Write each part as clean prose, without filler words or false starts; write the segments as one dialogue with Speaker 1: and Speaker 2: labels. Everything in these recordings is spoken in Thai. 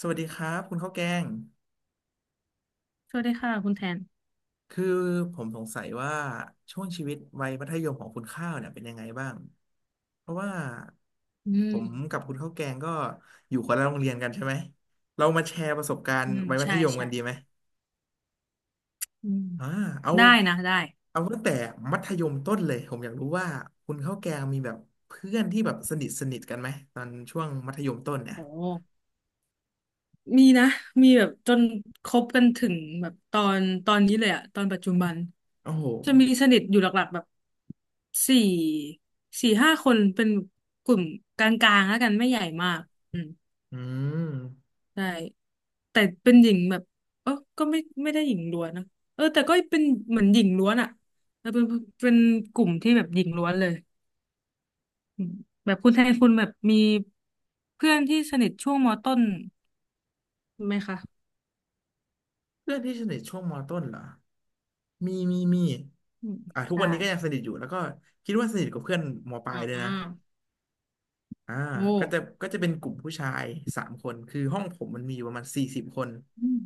Speaker 1: สวัสดีครับคุณข้าวแกง
Speaker 2: สวัสดีค่ะคุณแทน
Speaker 1: คือผมสงสัยว่าช่วงชีวิตวัยมัธยมของคุณข้าวเนี่ยเป็นยังไงบ้าง เพราะว่า
Speaker 2: อื
Speaker 1: ผม
Speaker 2: ม
Speaker 1: กับคุณข้าวแกงก็อยู่คนละโรงเรียนกันใช่ไหมเรามาแชร์ประสบการ
Speaker 2: อื
Speaker 1: ณ์
Speaker 2: ม
Speaker 1: วัยมั
Speaker 2: ใช่
Speaker 1: ธยม
Speaker 2: ใช่
Speaker 1: กันดีไหม
Speaker 2: อืม
Speaker 1: อ่าเอา
Speaker 2: ได้นะได้
Speaker 1: เอาตั้งแต่มัธยมต้นเลย ผมอยากรู้ว่าคุณข้าวแกงมีแบบเพื่อนที่แบบสนิทสนิทกันไหมตอนช่วงมัธยมต้นเนี่ย
Speaker 2: โอ้มีนะมีแบบจนคบกันถึงแบบตอนนี้เลยอะตอนปัจจุบัน
Speaker 1: โอ้โห
Speaker 2: จะมีสนิทอยู่หลักๆแบบสี่สี่ห้าคนเป็นกลุ่มกลางๆแล้วกันไม่ใหญ่มากอืม
Speaker 1: อืม
Speaker 2: ใช่แต่เป็นหญิงแบบเออก็ไม่ได้หญิงล้วนนะเออแต่ก็เป็นเหมือนหญิงล้วนอะแล้วเป็นกลุ่มที่แบบหญิงล้วนเลย อืมแบบคุณแทนคุณแบบมีเพื่อนที่สนิทช่วงมต้นไหมคะ
Speaker 1: เพื่อนที่สนิทช่วงมต้นเหรอมีมีมี
Speaker 2: อืม
Speaker 1: อ่ะทุก
Speaker 2: ใช่
Speaker 1: วันนี้ก็ยังสนิทอยู่แล้วก็คิดว่าสนิทกับเพื่อนมปลา
Speaker 2: อ่
Speaker 1: ยด้วยนะ
Speaker 2: า
Speaker 1: อ่า
Speaker 2: โอ้
Speaker 1: ก็จะเป็นกลุ่มผู้ชายสามคนคือห้องผมมันมีอยู่ประมาณ40 คน
Speaker 2: อืม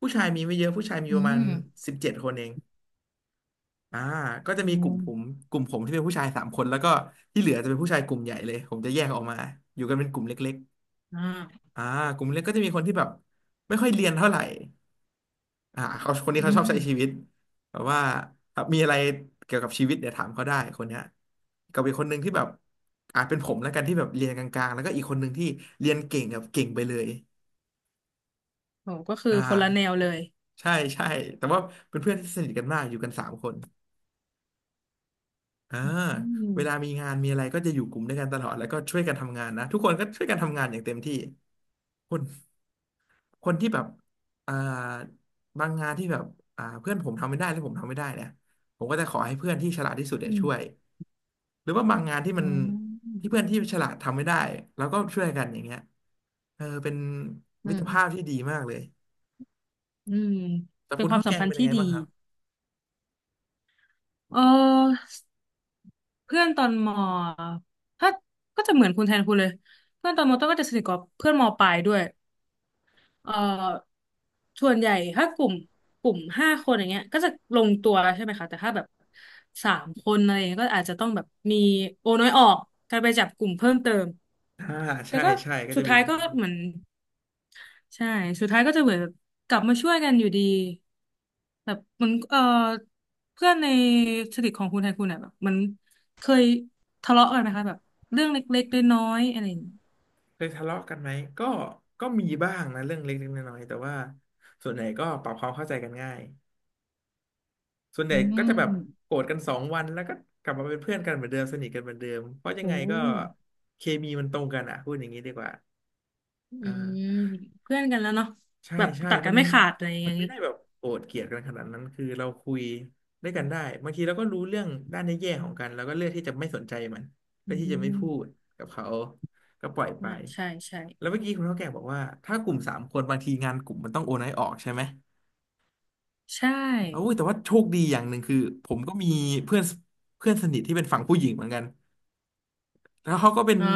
Speaker 1: ผู้ชายมีไม่เยอะผู้ชายมี
Speaker 2: อื
Speaker 1: ประมาณ
Speaker 2: ม
Speaker 1: 17 คนเองอ่าก็จะ
Speaker 2: อื
Speaker 1: มีกลุ่ม
Speaker 2: ม
Speaker 1: ผมที่เป็นผู้ชายสามคนแล้วก็ที่เหลือจะเป็นผู้ชายกลุ่มใหญ่เลยผมจะแยกออกมาอยู่กันเป็นกลุ่มเล็ก
Speaker 2: อ่า
Speaker 1: ๆอ่ากลุ่มเล็กก็จะมีคนที่แบบไม่ค่อยเรียนเท่าไหร่ อ่าเขาคนนี้
Speaker 2: อื
Speaker 1: เขาชอบ
Speaker 2: ม
Speaker 1: ใช้ชีวิตแบบว่าอ่ะมีอะไรเกี่ยวกับชีวิตเดี๋ยวถามเขาได้คนเนี้ยกับอีกคนหนึ่งที่แบบอาจเป็นผมแล้วกันที่แบบเรียนกลางๆแล้วก็อีกคนหนึ่งที่เรียนเก่งแบบเก่งไปเลย
Speaker 2: โหก็คือ
Speaker 1: อ่า
Speaker 2: คนละแนวเลย
Speaker 1: ใช่ใช่แต่ว่าเป็นเพื่อนที่สนิทกันมากอยู่กันสามคนอ่า
Speaker 2: อื
Speaker 1: เวลามี
Speaker 2: ม
Speaker 1: งานมีอะไรก็จะอยู่กลุ่มด้วยกันตลอดแล้วก็ช่วยกันทำงานนะทุกคนก็ช่วยกันทำงานอย่างเต็มที่คน คนที่แบบอ่าบางงานที่แบบอ่าเพื่อนผมทำไม่ได้หรือผมทำไม่ได้เนี่ยผมก็จะขอให้เพื่อนที่ฉลาดที่สุดเนี่
Speaker 2: อื
Speaker 1: ยช่วย
Speaker 2: ม
Speaker 1: หรือว่าบางงานที่มั
Speaker 2: อื
Speaker 1: น
Speaker 2: อ
Speaker 1: ที่เพื่อนที่ฉลาดทำไม่ได้แล้วก็ช่วยกันอย่างเงี้ยเออเป็น
Speaker 2: อื
Speaker 1: มิต
Speaker 2: ม
Speaker 1: รภาพที่ดีมากเลย
Speaker 2: อืม
Speaker 1: แต่
Speaker 2: เป็น
Speaker 1: คุณ
Speaker 2: ความ
Speaker 1: ข้าว
Speaker 2: สั
Speaker 1: แก
Speaker 2: ม
Speaker 1: ง
Speaker 2: พัน
Speaker 1: เป็
Speaker 2: ธ์
Speaker 1: นยั
Speaker 2: ที่
Speaker 1: งไง
Speaker 2: ดี
Speaker 1: บ้างครับ
Speaker 2: เออเพื่อนตอนมถ้าก็จะเหมือนคุณแทนคุณเลยเพื่อนตอนมต้นก็จะสนิทกับเพื่อนมปลายด้วย เอ่อส่วนใหญ่ถ้ากลุ่มห้าคนอย่างเงี้ยก็จะลงตัวใช่ไหมคะแต่ถ้าแบบสามคนอะไรอย่างเงี้ยก็อาจจะต้องแบบมีโอน้อยออกการไปจับกลุ่มเพิ่มเติม
Speaker 1: อ่า
Speaker 2: แต่
Speaker 1: ใช่
Speaker 2: ก็
Speaker 1: ใช่ก็
Speaker 2: สุ
Speaker 1: จะ
Speaker 2: ด
Speaker 1: มี
Speaker 2: ท้า
Speaker 1: อ
Speaker 2: ย
Speaker 1: ย่าง
Speaker 2: ก็
Speaker 1: นั้นบ้าง
Speaker 2: เหมือนใช่สุดท้ายก็จะเหมือนแบบกลับมาช่วยกันอยู่ดีแบบเหมันเพื่อนในสนิทของคุณไทยคุณอ่ะแบบมันเคยทะเลาะกันไหมคะแบบเรื่องเล็กๆน้อยๆอะไรอย่างงี้
Speaker 1: เคยทะเลาะกันไหมก็ก็มีบ้างนะเรื่องเล็กๆน้อยๆแต่ว่าส่วนใหญ่ก็ปรับความเข้าใจกันง่าย ส่วนให
Speaker 2: อื
Speaker 1: ญ่ก็จะแบบ
Speaker 2: ม
Speaker 1: โกรธกัน2 วันแล้วก็กลับมาเป็นเพื่อนกันเหมือนเดิมสนิทกันเหมือนเดิมเพราะยั
Speaker 2: โอ
Speaker 1: งไงก็
Speaker 2: ้
Speaker 1: เคมีมันตรงกันอ่ะพูดอย่างนี้ดีกว่า
Speaker 2: อื
Speaker 1: อ่
Speaker 2: ม
Speaker 1: า
Speaker 2: เพื่อนกันแล้วเนาะ
Speaker 1: ใช่
Speaker 2: แบบ
Speaker 1: ใช่
Speaker 2: ตัด
Speaker 1: มั
Speaker 2: กัน
Speaker 1: น
Speaker 2: ไม่ขาดอะไรอย่าง
Speaker 1: มันไม่
Speaker 2: นี้
Speaker 1: ได้แบบโกรธเกลียดกันขนาดนั้นคือเราคุยด้วยกันได้บางทีเราก็รู้เรื่องด้านแย่ๆของกันแล้วก็เลือกที่จะไม่สนใจมันเลื
Speaker 2: อื
Speaker 1: อกที่จะไม่
Speaker 2: ม
Speaker 1: พูดกับเขาก็ปล่อยไป
Speaker 2: ใช่ใช่ใช่
Speaker 1: แล้วเมื่อกี้คุณเท่าแก่บอกว่าถ้ากลุ่มสามคนบางทีงานกลุ่มมันต้องโอนให้ออกใช่ไหม
Speaker 2: ใช่
Speaker 1: เอา้ยแต่ว่าโชคดีอย่างหนึ่งคือผมก็มีเพื่อนเพื่อนสนิทที่เป็นฝั่งผู้หญิงเหมือนกันแล้วเขาก็เป็น
Speaker 2: อ๋อ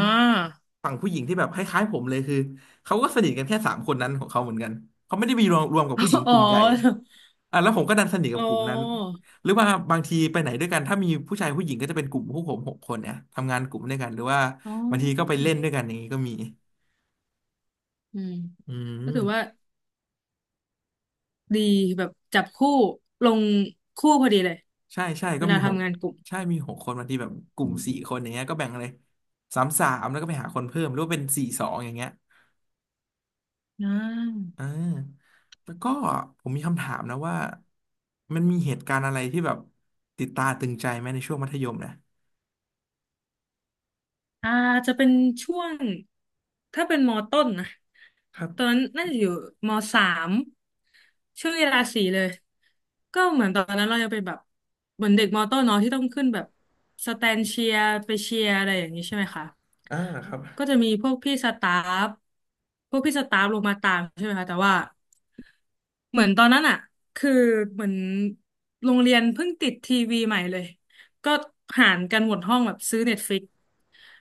Speaker 1: ฝั่งผู้หญิงที่แบบคล้ายๆผมเลยคือเขาก็สนิทกันแค่สามคนนั้นของเขาเหมือนกันเขาไม่ได้มีรวมกับผู้หญิง
Speaker 2: อ๋
Speaker 1: ก
Speaker 2: อ
Speaker 1: ลุ่มใหญ่อ่ะแล้วผมก็ดันสนิท
Speaker 2: อ๋
Speaker 1: กั
Speaker 2: อ
Speaker 1: บกลุ่มนั้นหรือว่าบางทีไปไหนด้วยกันถ้ามีผู้ชายผู้หญิงก็จะเป็นกลุ่มพวกผมหกคนเนี่ยทำงานกลุ่มด้วยกันหรือว่า
Speaker 2: อ๋อ
Speaker 1: บางทีก็ไปเล่นด้วยกันอย่างนี้ก็มี
Speaker 2: อืม
Speaker 1: อื
Speaker 2: ก็ถือว่า
Speaker 1: ม
Speaker 2: ดีแบบจับคู่ลงคู่พอดีเลย
Speaker 1: ใช่ใช่
Speaker 2: เว
Speaker 1: ก็มี
Speaker 2: ลา
Speaker 1: หก
Speaker 2: ทำงานกลุ่ม
Speaker 1: ใช่มีหกคนบางทีแบบกลุ่ม
Speaker 2: อืม
Speaker 1: สี่คนอย่างเงี้ยก็แบ่งเลยสามสามแล้วก็ไปหาคนเพิ่มหรือว่าเป็นสี่สองอย่างเงี้ย
Speaker 2: อ่
Speaker 1: อ่
Speaker 2: า
Speaker 1: าแล้วก็ผมมีคำถามนะว่ามันมีเหตุการณ์อะไรที่แบบติดตาตึงใจไหมในช่วงมัธยมนะ
Speaker 2: อ่าจะเป็นช่วงถ้าเป็นมอต้นนะ
Speaker 1: ครับ
Speaker 2: ตอนนั้นน่าจะอยู่มสามช่วงเวลาสี่เลยก็เหมือนตอนนั้นเราจะเป็นแบบเหมือนเด็กมอต้นเนาะที่ต้องขึ้นแบบสแตนเชียร์ไปเชียร์อะไรอย่างนี้ใช่ไหมคะ
Speaker 1: อ่าครับ
Speaker 2: ก็จะมีฟพวกพี่สตาฟลงมาตามใช่ไหมคะแต่ว่า เหมือนตอนนั้นอ่ะคือเหมือนโรงเรียนเพิ่งติดทีวีใหม่เลย ก็หารกันหมดห้องแบบซื้อเน็ตฟลิก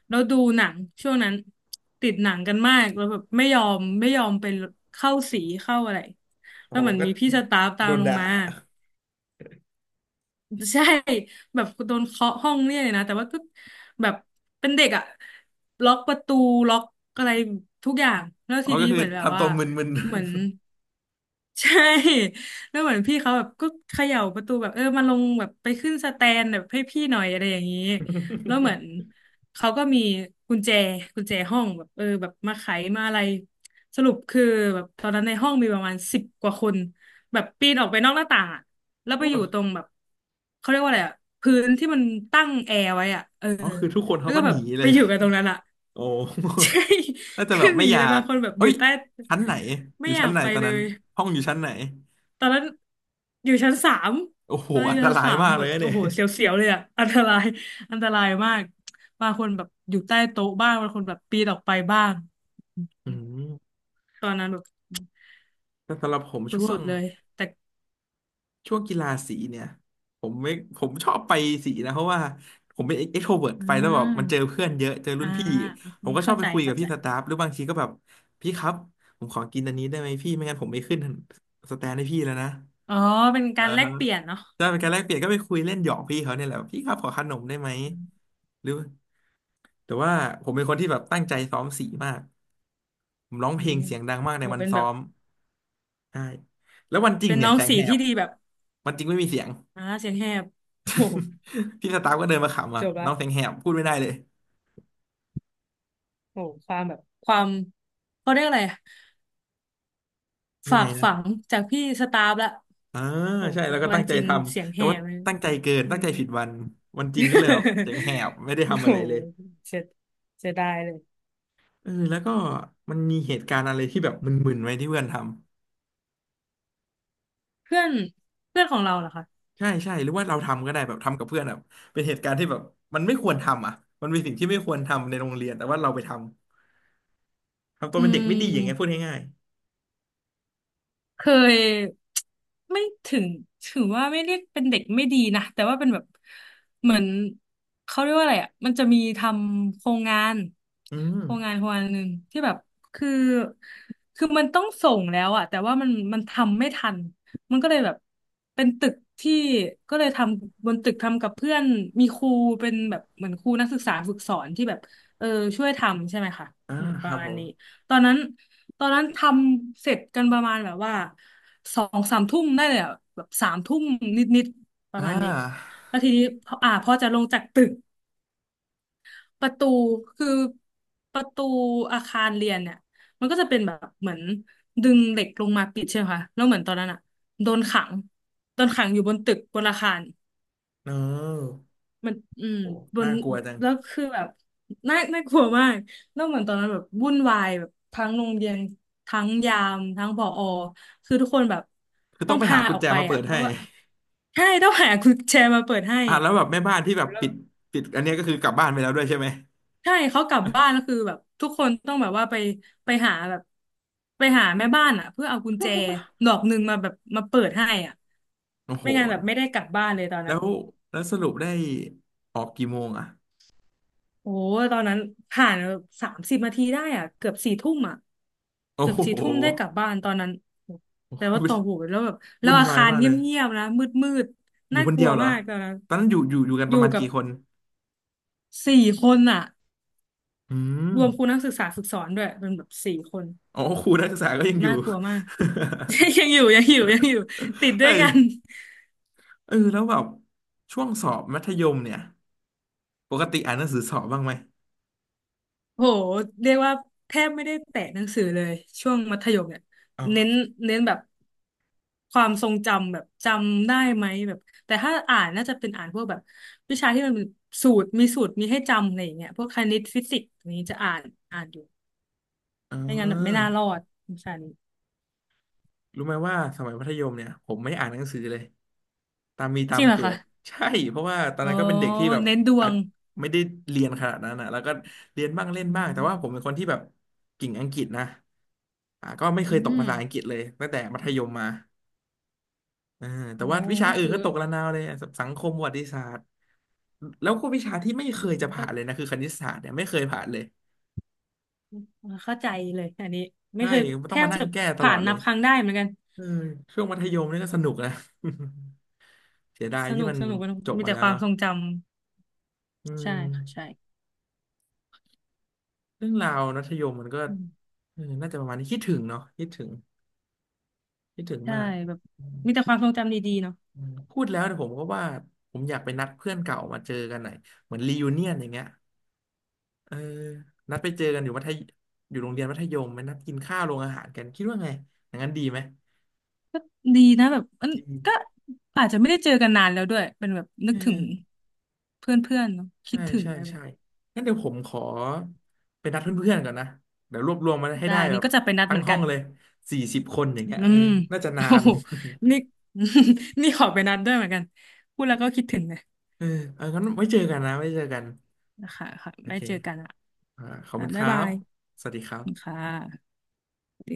Speaker 2: แล้วดูหนังช่วงนั้นติดหนังกันมากแล้วแบบไม่ยอมไปเข้าสีเข้าอะไร
Speaker 1: ผ
Speaker 2: แล้ว
Speaker 1: ม
Speaker 2: เหมือน
Speaker 1: ก็
Speaker 2: มีพี่สตาฟตา
Speaker 1: โด
Speaker 2: ม
Speaker 1: น
Speaker 2: ลง
Speaker 1: ด่า
Speaker 2: มา ใช่แบบโดนเคาะห้องเนียกเลยนะแต่ว่าก็แบบเป็นเด็กอะล็อกประตูล็อกอะไรทุกอย่างแล้ว
Speaker 1: อ๋อ
Speaker 2: ที
Speaker 1: ก็
Speaker 2: นี้
Speaker 1: คื
Speaker 2: เห
Speaker 1: อ
Speaker 2: มือนแบบ
Speaker 1: ทำตั
Speaker 2: ว่า
Speaker 1: วมึน
Speaker 2: เหมือนใช่แล้วเหมือนพี่เขาแบบก็เขย่าประตูแบบเออมาลงแบบไปขึ้นสแตนแบบให้พี่หน่อยอะไรอย่างนี้แล้วเหมือนเขาก็มีกุญแจกุญแจห้องแบบเออแบบมาไขมาอะไรสรุปคือแบบตอนนั้นในห้องมีประมาณ10 กว่าคน แบบปีนออกไปนอกหน้าต่างอะแล้ว
Speaker 1: ๆ
Speaker 2: ไปอยู่ตรง แบบเขาเรียกว่าอะไรอะพื้นที่มันตั้งแอร์ไว้อะเออ
Speaker 1: อ๋อคือทุกคน
Speaker 2: แล้
Speaker 1: เขา
Speaker 2: วก็
Speaker 1: ก็
Speaker 2: แบ
Speaker 1: ห
Speaker 2: บ
Speaker 1: นีเล
Speaker 2: ไป
Speaker 1: ย
Speaker 2: อยู่กันตรงนั้นอะ
Speaker 1: โอ้
Speaker 2: ใช่
Speaker 1: น่าจะแบ
Speaker 2: คือ
Speaker 1: บ
Speaker 2: ห
Speaker 1: ไม่
Speaker 2: นี
Speaker 1: อยา
Speaker 2: เลย
Speaker 1: ก
Speaker 2: บางคนแบบอ
Speaker 1: เอ้
Speaker 2: ยู่
Speaker 1: ย
Speaker 2: ใต้
Speaker 1: ชั้นไหนอ
Speaker 2: ไม่
Speaker 1: ยู่
Speaker 2: อ
Speaker 1: ชั้
Speaker 2: ยา
Speaker 1: น
Speaker 2: ก
Speaker 1: ไหน
Speaker 2: ไป
Speaker 1: ตอน
Speaker 2: เล
Speaker 1: นั้น
Speaker 2: ย
Speaker 1: ห้องอยู่ชั้นไหน
Speaker 2: ตอนนั้นอยู่ชั้นสาม
Speaker 1: โอ้โห
Speaker 2: ตอนนั้นอ
Speaker 1: อัน
Speaker 2: ยู่
Speaker 1: ต
Speaker 2: ชั้น
Speaker 1: ราย
Speaker 2: สาม
Speaker 1: มาก
Speaker 2: แบ
Speaker 1: เลย
Speaker 2: บ
Speaker 1: นะเนี่
Speaker 2: โอ้
Speaker 1: ย
Speaker 2: โหเสียวๆเลยอ่ะอันตรายอันตรายมากบางคนแบบอยู่ใต้โต๊ะบ้างบางคนแบบปีนออกไปบ้าง
Speaker 1: อืม
Speaker 2: ตอนนั้นแบบ
Speaker 1: แต่สำหรับผม
Speaker 2: ส
Speaker 1: ช่ว
Speaker 2: ุด
Speaker 1: ง
Speaker 2: ๆเลยแต่
Speaker 1: กีฬาสีเนี่ยผมไม่ผมชอบไปสีนะเพราะว่าผมเป็นเอ็กโทรเวิร์
Speaker 2: อ่า
Speaker 1: ไปแล้วแบบมันเจอเพื่อนเยอะเจอรุ่
Speaker 2: อ่า
Speaker 1: นพี่ผ
Speaker 2: อื
Speaker 1: ม
Speaker 2: ม
Speaker 1: ก็ชอ
Speaker 2: เข้า
Speaker 1: บไป
Speaker 2: ใจ
Speaker 1: คุยกั
Speaker 2: เข้า
Speaker 1: บ
Speaker 2: ใจ
Speaker 1: พี่สตาฟหรือบางทีก็แบบพี่ครับผมขอกินอันนี้ได้ไหมพี่ไม่งั้นผมไม่ขึ้นสแตนให้พี่แล้วนะ
Speaker 2: อ๋อเป็น
Speaker 1: เอ
Speaker 2: กา
Speaker 1: อ
Speaker 2: รแลกเปลี่ยนเนาะ
Speaker 1: จะเป็นการแลกเปลี่ยนก็ไปคุยเล่นหยอกพี่เขาเนี่ยแหละพี่ครับขอขนมได้ไหม
Speaker 2: อืม
Speaker 1: หรือแต่ว่าผมเป็นคนที่แบบตั้งใจซ้อมสีมากผมร้อง
Speaker 2: อื
Speaker 1: เพลง
Speaker 2: ม
Speaker 1: เสียงดังมากใน
Speaker 2: โห
Speaker 1: วัน
Speaker 2: เป็น
Speaker 1: ซ้
Speaker 2: แบ
Speaker 1: อ
Speaker 2: บ
Speaker 1: ม ใช่แล้ววันจริง
Speaker 2: เป็น
Speaker 1: เนี่ย
Speaker 2: น้อง
Speaker 1: แสง
Speaker 2: สี
Speaker 1: แหบ
Speaker 2: ที่ดีแบบ
Speaker 1: วันจริงไม่มีเสียง
Speaker 2: อ่าเสียงแหบโอ้โห
Speaker 1: พี่สตาฟก็เดินมาขำอ่ะ
Speaker 2: จบละ
Speaker 1: น้องแสงแหบพูดไม่ได้เลย
Speaker 2: โอ้โหความแบบความเขาเรียกอะไรอะ
Speaker 1: ยัง
Speaker 2: ฝา
Speaker 1: ไง
Speaker 2: ก
Speaker 1: นะ
Speaker 2: ฝังจากพี่สตาฟละ
Speaker 1: อ่า
Speaker 2: โอ้
Speaker 1: ใช่
Speaker 2: โห
Speaker 1: แล้วก็
Speaker 2: วัน
Speaker 1: ตั้ง
Speaker 2: จ
Speaker 1: ใจ
Speaker 2: ริง
Speaker 1: ท
Speaker 2: เสียง
Speaker 1: ำ
Speaker 2: แห
Speaker 1: แต่ว่า
Speaker 2: บเลย
Speaker 1: ตั้งใจเกิน
Speaker 2: อื
Speaker 1: ตั้ง
Speaker 2: ม
Speaker 1: ใจผิดวันวันจริงก็เลยแบบแสงแหบ ไม่ได้
Speaker 2: โอ้
Speaker 1: ทำ
Speaker 2: โห
Speaker 1: อะไรเลย
Speaker 2: เสียเสียดายเลย
Speaker 1: เออแล้วก็มันมีเหตุการณ์อะไรที่แบบมึนๆไหมที่เพื่อนทำ
Speaker 2: เพื่อนเพื่อนของเราเหรอคะ
Speaker 1: ใช่ใช่หรือว่าเราทำก็ได้แบบทำกับเพื่อนแบบเป็นเหตุการณ์ที่แบบมันไม่ควรทำอ่ะมันเป็นสิ่งที่ไม่ควรทำในโรงเรียนแต่ว่าเราไปทำทำตัว
Speaker 2: อื
Speaker 1: เป็นเด็กไม่ดีอย่างเงี้ยพูด
Speaker 2: ม
Speaker 1: ง่าย
Speaker 2: เคยไม่ถึงถือว่าไม่เรียกเป็นเด็กไม่ดีนะแต่ว่าเป็นแบบเหมือนเขาเรียกว่าอะไรอ่ะมันจะมีทำโครงงาน
Speaker 1: ๆอืม
Speaker 2: โครงงานหนึ่งที่แบบคือคือมันต้องส่งแล้วอ่ะแต่ว่ามันทำไม่ทันมันก็เลยแบบเป็นตึกที่ก็เลยทำบนตึกทำกับเพื่อนมีครูเป็นแบบเหมือนครูนักศึกษาฝึกสอนที่แบบเออช่วยทำใช่ไหมคะ
Speaker 1: อ่า
Speaker 2: แบบป
Speaker 1: ค
Speaker 2: ระ
Speaker 1: รับ
Speaker 2: มา
Speaker 1: ผ
Speaker 2: ณนี้
Speaker 1: ม
Speaker 2: ตอนนั้น ตอนนั้นทำเสร็จกันประมาณแบบว่าสองสามทุ่มได้เลยอะแบบสามทุ่มนิดๆป
Speaker 1: อ่
Speaker 2: ระมาณนี้
Speaker 1: า
Speaker 2: แล้วทีนี้พออ่าพอจะลงจากตึกประตูคือประตูอาคารเรียนเนี่ยมันก็จะเป็นแบบเหมือนดึงเหล็กลงมาปิดใช่ไหมคะแล้วเหมือนตอนนั้นอะโดนขังโดนขังอยู่บนตึกบนอาคาร
Speaker 1: no
Speaker 2: มันอืม
Speaker 1: โอ้
Speaker 2: บ
Speaker 1: น่า
Speaker 2: น
Speaker 1: กลัวจัง
Speaker 2: แล้วคือแบบน่าน่ากลัวมากแล้วเหมือนตอนนั้นแบบวุ่นวายแบบทั้งโรงเรียนทั้งยามทั้งผอคือทุกคนแบบ
Speaker 1: คือ
Speaker 2: ต้
Speaker 1: ต้อ
Speaker 2: อง
Speaker 1: งไปหา
Speaker 2: พา
Speaker 1: กุ
Speaker 2: อ
Speaker 1: ญ
Speaker 2: อก
Speaker 1: แจ
Speaker 2: ไป
Speaker 1: มาเปิ
Speaker 2: อ่ะ
Speaker 1: ด
Speaker 2: เพ
Speaker 1: ให้
Speaker 2: ราะว่าใช่ต้องหากุญแจมาเปิดให้
Speaker 1: อ่ะแล้วแบบแม่บ้านที่แบบ
Speaker 2: แล้ว
Speaker 1: ปิดอันเนี้ยก็คือกลับบ้านไปแล้วด้วยใช่ไหม
Speaker 2: ใช่เขากลับบ้านก็คือแบบทุกคนต้องแบบว่าไปไปหาแบบไปหาแม่บ้านอ่ะเพื่อเอากุญแจ ดอกหนึ่งมาแบบมาเปิดให้อ่ะ
Speaker 1: โอ้โห
Speaker 2: ไม่งั้นแบบไม่ได้กลับบ้านเลยตอน
Speaker 1: แล้
Speaker 2: นั้น
Speaker 1: วแล้วสรุปได้ออกกี่โมงอ่ะ
Speaker 2: โอ้ตอนนั้นผ่าน30นาทีได้อ่ะเกือบสี่ทุ่มอ่ะ
Speaker 1: โอ้
Speaker 2: เกือ
Speaker 1: โ
Speaker 2: บสี่ทุ่มได้ก
Speaker 1: ห
Speaker 2: ลับบ้านตอนนั้นโอ้
Speaker 1: โอ้
Speaker 2: แต่ว่า
Speaker 1: ยวุ่น
Speaker 2: ต่อโหแล้วแบบแล้ว
Speaker 1: วุ่น
Speaker 2: อา
Speaker 1: วาย
Speaker 2: คาร
Speaker 1: มาก
Speaker 2: เ
Speaker 1: เลย
Speaker 2: งียบๆนะมืด
Speaker 1: อ
Speaker 2: ๆ
Speaker 1: ยู่
Speaker 2: น่า
Speaker 1: คน
Speaker 2: ก
Speaker 1: เดี
Speaker 2: ลั
Speaker 1: ย
Speaker 2: ว
Speaker 1: วเหรอ
Speaker 2: มากตอนนั้น
Speaker 1: ตอนนั้นอยู่กัน
Speaker 2: อ
Speaker 1: ป
Speaker 2: ยู่
Speaker 1: ระมาณ
Speaker 2: กับ
Speaker 1: กี่คน
Speaker 2: สี่คนอ่ะ
Speaker 1: อืม
Speaker 2: รวมครูนักศึกษาฝึกสอนด้วยเป็นแบบสี่คน
Speaker 1: อ๋อครูนักศึกษาก็ยังอ
Speaker 2: น่า
Speaker 1: ยู่
Speaker 2: กลัวมาก ยังอยู่ติด ด้
Speaker 1: เอ้
Speaker 2: วย
Speaker 1: ย
Speaker 2: กัน
Speaker 1: เออแล้วแบบช่วงสอบมัธยมเนี่ยปกติอ่านหนังสือสอบบ้างไหม
Speaker 2: โหเรียกว่าแทบไม่ได้แตะหนังสือเลยช่วงมัธยมเนี่ย
Speaker 1: เอ้า
Speaker 2: เน้นเน้นแบบความทรงจำแบบจำได้ไหมแบบแต่ถ้าอ่านน่าจะเป็นอ่านพวกแบบวิชาที่มันเป็นสูตรมีสูตรมีให้จำอะไรอย่างเงี้ยพวกคณิตฟิสิกส์อย่างนี้จะอ่านอยู่
Speaker 1: อ๋
Speaker 2: ไม่งั้นแบบไม่
Speaker 1: อ
Speaker 2: น่ารอดวิชานี้
Speaker 1: รู้ไหมว่าสมัยมัธยมเนี่ยผมไม่อ่านหนังสือเลยตามมีตา
Speaker 2: จริ
Speaker 1: ม
Speaker 2: งเหรอ
Speaker 1: เกิ
Speaker 2: คะ
Speaker 1: ด ใช่เพราะว่าตอน
Speaker 2: อ๋อ
Speaker 1: นั้นก็เป็นเด็กที่แบบ
Speaker 2: เน้นดว
Speaker 1: อาจ
Speaker 2: ง
Speaker 1: ไม่ได้เรียนขนาดนั้นนะแล้วก็เรียนบ้างเล่น
Speaker 2: อื
Speaker 1: บ้างแต่ว่าผมเป็น
Speaker 2: ม
Speaker 1: คนที่แบบกิ่งอังกฤษนะอ่าก็ไม่
Speaker 2: อื
Speaker 1: เคยตก
Speaker 2: ม
Speaker 1: ภาษาอังกฤษเลยตั้งแต่มัธยมมาเออแต่
Speaker 2: โอ้
Speaker 1: ว่าวิชา
Speaker 2: ก็
Speaker 1: อื่น
Speaker 2: คือ
Speaker 1: ก็ตกระนาวเลยอะสังคมประวัติศาสตร์แล้วก็วิชาที่ไม่
Speaker 2: อื
Speaker 1: เคย
Speaker 2: ม
Speaker 1: จะ
Speaker 2: ก็
Speaker 1: ผ่านเลยนะคือคณิตศาสตร์เนี่ยไม่เคยผ่านเลย
Speaker 2: เข้าใจเลยอันนี้ไม่
Speaker 1: ใช่
Speaker 2: เคยแท
Speaker 1: ต้อง
Speaker 2: บ
Speaker 1: มานั่
Speaker 2: จะ
Speaker 1: งแก้ตล
Speaker 2: ผ่า
Speaker 1: อ
Speaker 2: น
Speaker 1: ดเล
Speaker 2: นับ
Speaker 1: ย
Speaker 2: ครั้งได้เหมือนกัน
Speaker 1: เออช่วงมัธยมนี่ก็สนุกนะ เสียดาย
Speaker 2: ส
Speaker 1: ที่
Speaker 2: นุก
Speaker 1: มัน
Speaker 2: สนุกมัน
Speaker 1: จบ
Speaker 2: มี
Speaker 1: มา
Speaker 2: แต่
Speaker 1: แล้ว
Speaker 2: ความ
Speaker 1: เนาะ
Speaker 2: ทรงจำ
Speaker 1: อื
Speaker 2: ใช่
Speaker 1: ม
Speaker 2: ค่ะใช่
Speaker 1: เรื่องราวมัธยมมันก็
Speaker 2: อืม
Speaker 1: เออน่าจะประมาณนี้คิดถึงเนาะคิดถึงคิดถึง
Speaker 2: ใช่
Speaker 1: มาก
Speaker 2: แบบ
Speaker 1: อืม
Speaker 2: มีแต่ความทรงจำดีๆเนาะ
Speaker 1: อืมพูดแล้วเนี่ยผมก็ว่าผมอยากไปนัดเพื่อนเก่ามาเจอกันหน่อยเหมือนรียูเนียนอย่างเงี้ยเออนัดไปเจอกันอยู่มัธยอยู่โรงเรียนมัธยมไปนัดกินข้าวโรงอาหารกันคิดว่าไงอย่างนั้นดีไหม
Speaker 2: ก็ดีนะแบบเอม
Speaker 1: ดี
Speaker 2: ก็อาจจะไม่ได้เจอกันนานแล้วด้วยเป็นแบบนึ
Speaker 1: เอ
Speaker 2: กถึง
Speaker 1: อ
Speaker 2: เพื่อนๆเนาะคิ
Speaker 1: ใช่
Speaker 2: ดถึง
Speaker 1: ใช่
Speaker 2: อะไรแบ
Speaker 1: ใช่
Speaker 2: บ
Speaker 1: งั้นเดี๋ยวผมขอไปนัดเพื่อนๆก่อนนะเดี๋ยวรวบรวมมาให้
Speaker 2: ได้
Speaker 1: ได้แบ
Speaker 2: นี่
Speaker 1: บ
Speaker 2: ก็จะไปนัด
Speaker 1: ทั้
Speaker 2: เห
Speaker 1: ง
Speaker 2: มือน
Speaker 1: ห้อ
Speaker 2: กั
Speaker 1: ง
Speaker 2: น
Speaker 1: เลย40 คนอย่างเงี้ย
Speaker 2: อื
Speaker 1: เออ
Speaker 2: ม
Speaker 1: น่าจะ
Speaker 2: โอ้
Speaker 1: นาน
Speaker 2: โหนี่ นี่ขอไปนัดด้วยเหมือนกันพูดแล้วก็คิดถึงเลย
Speaker 1: เออเอองั้นไว้เจอกันนะไว้เจอกัน
Speaker 2: นะคะค่ะ
Speaker 1: โอ
Speaker 2: ไม่
Speaker 1: เค
Speaker 2: เจอกันอ่ะ
Speaker 1: อ่าขอบ
Speaker 2: ค่ะ
Speaker 1: คุณค
Speaker 2: บ๊าย
Speaker 1: รั
Speaker 2: บา
Speaker 1: บ
Speaker 2: ย
Speaker 1: สวัสดีครับ
Speaker 2: ค่ะ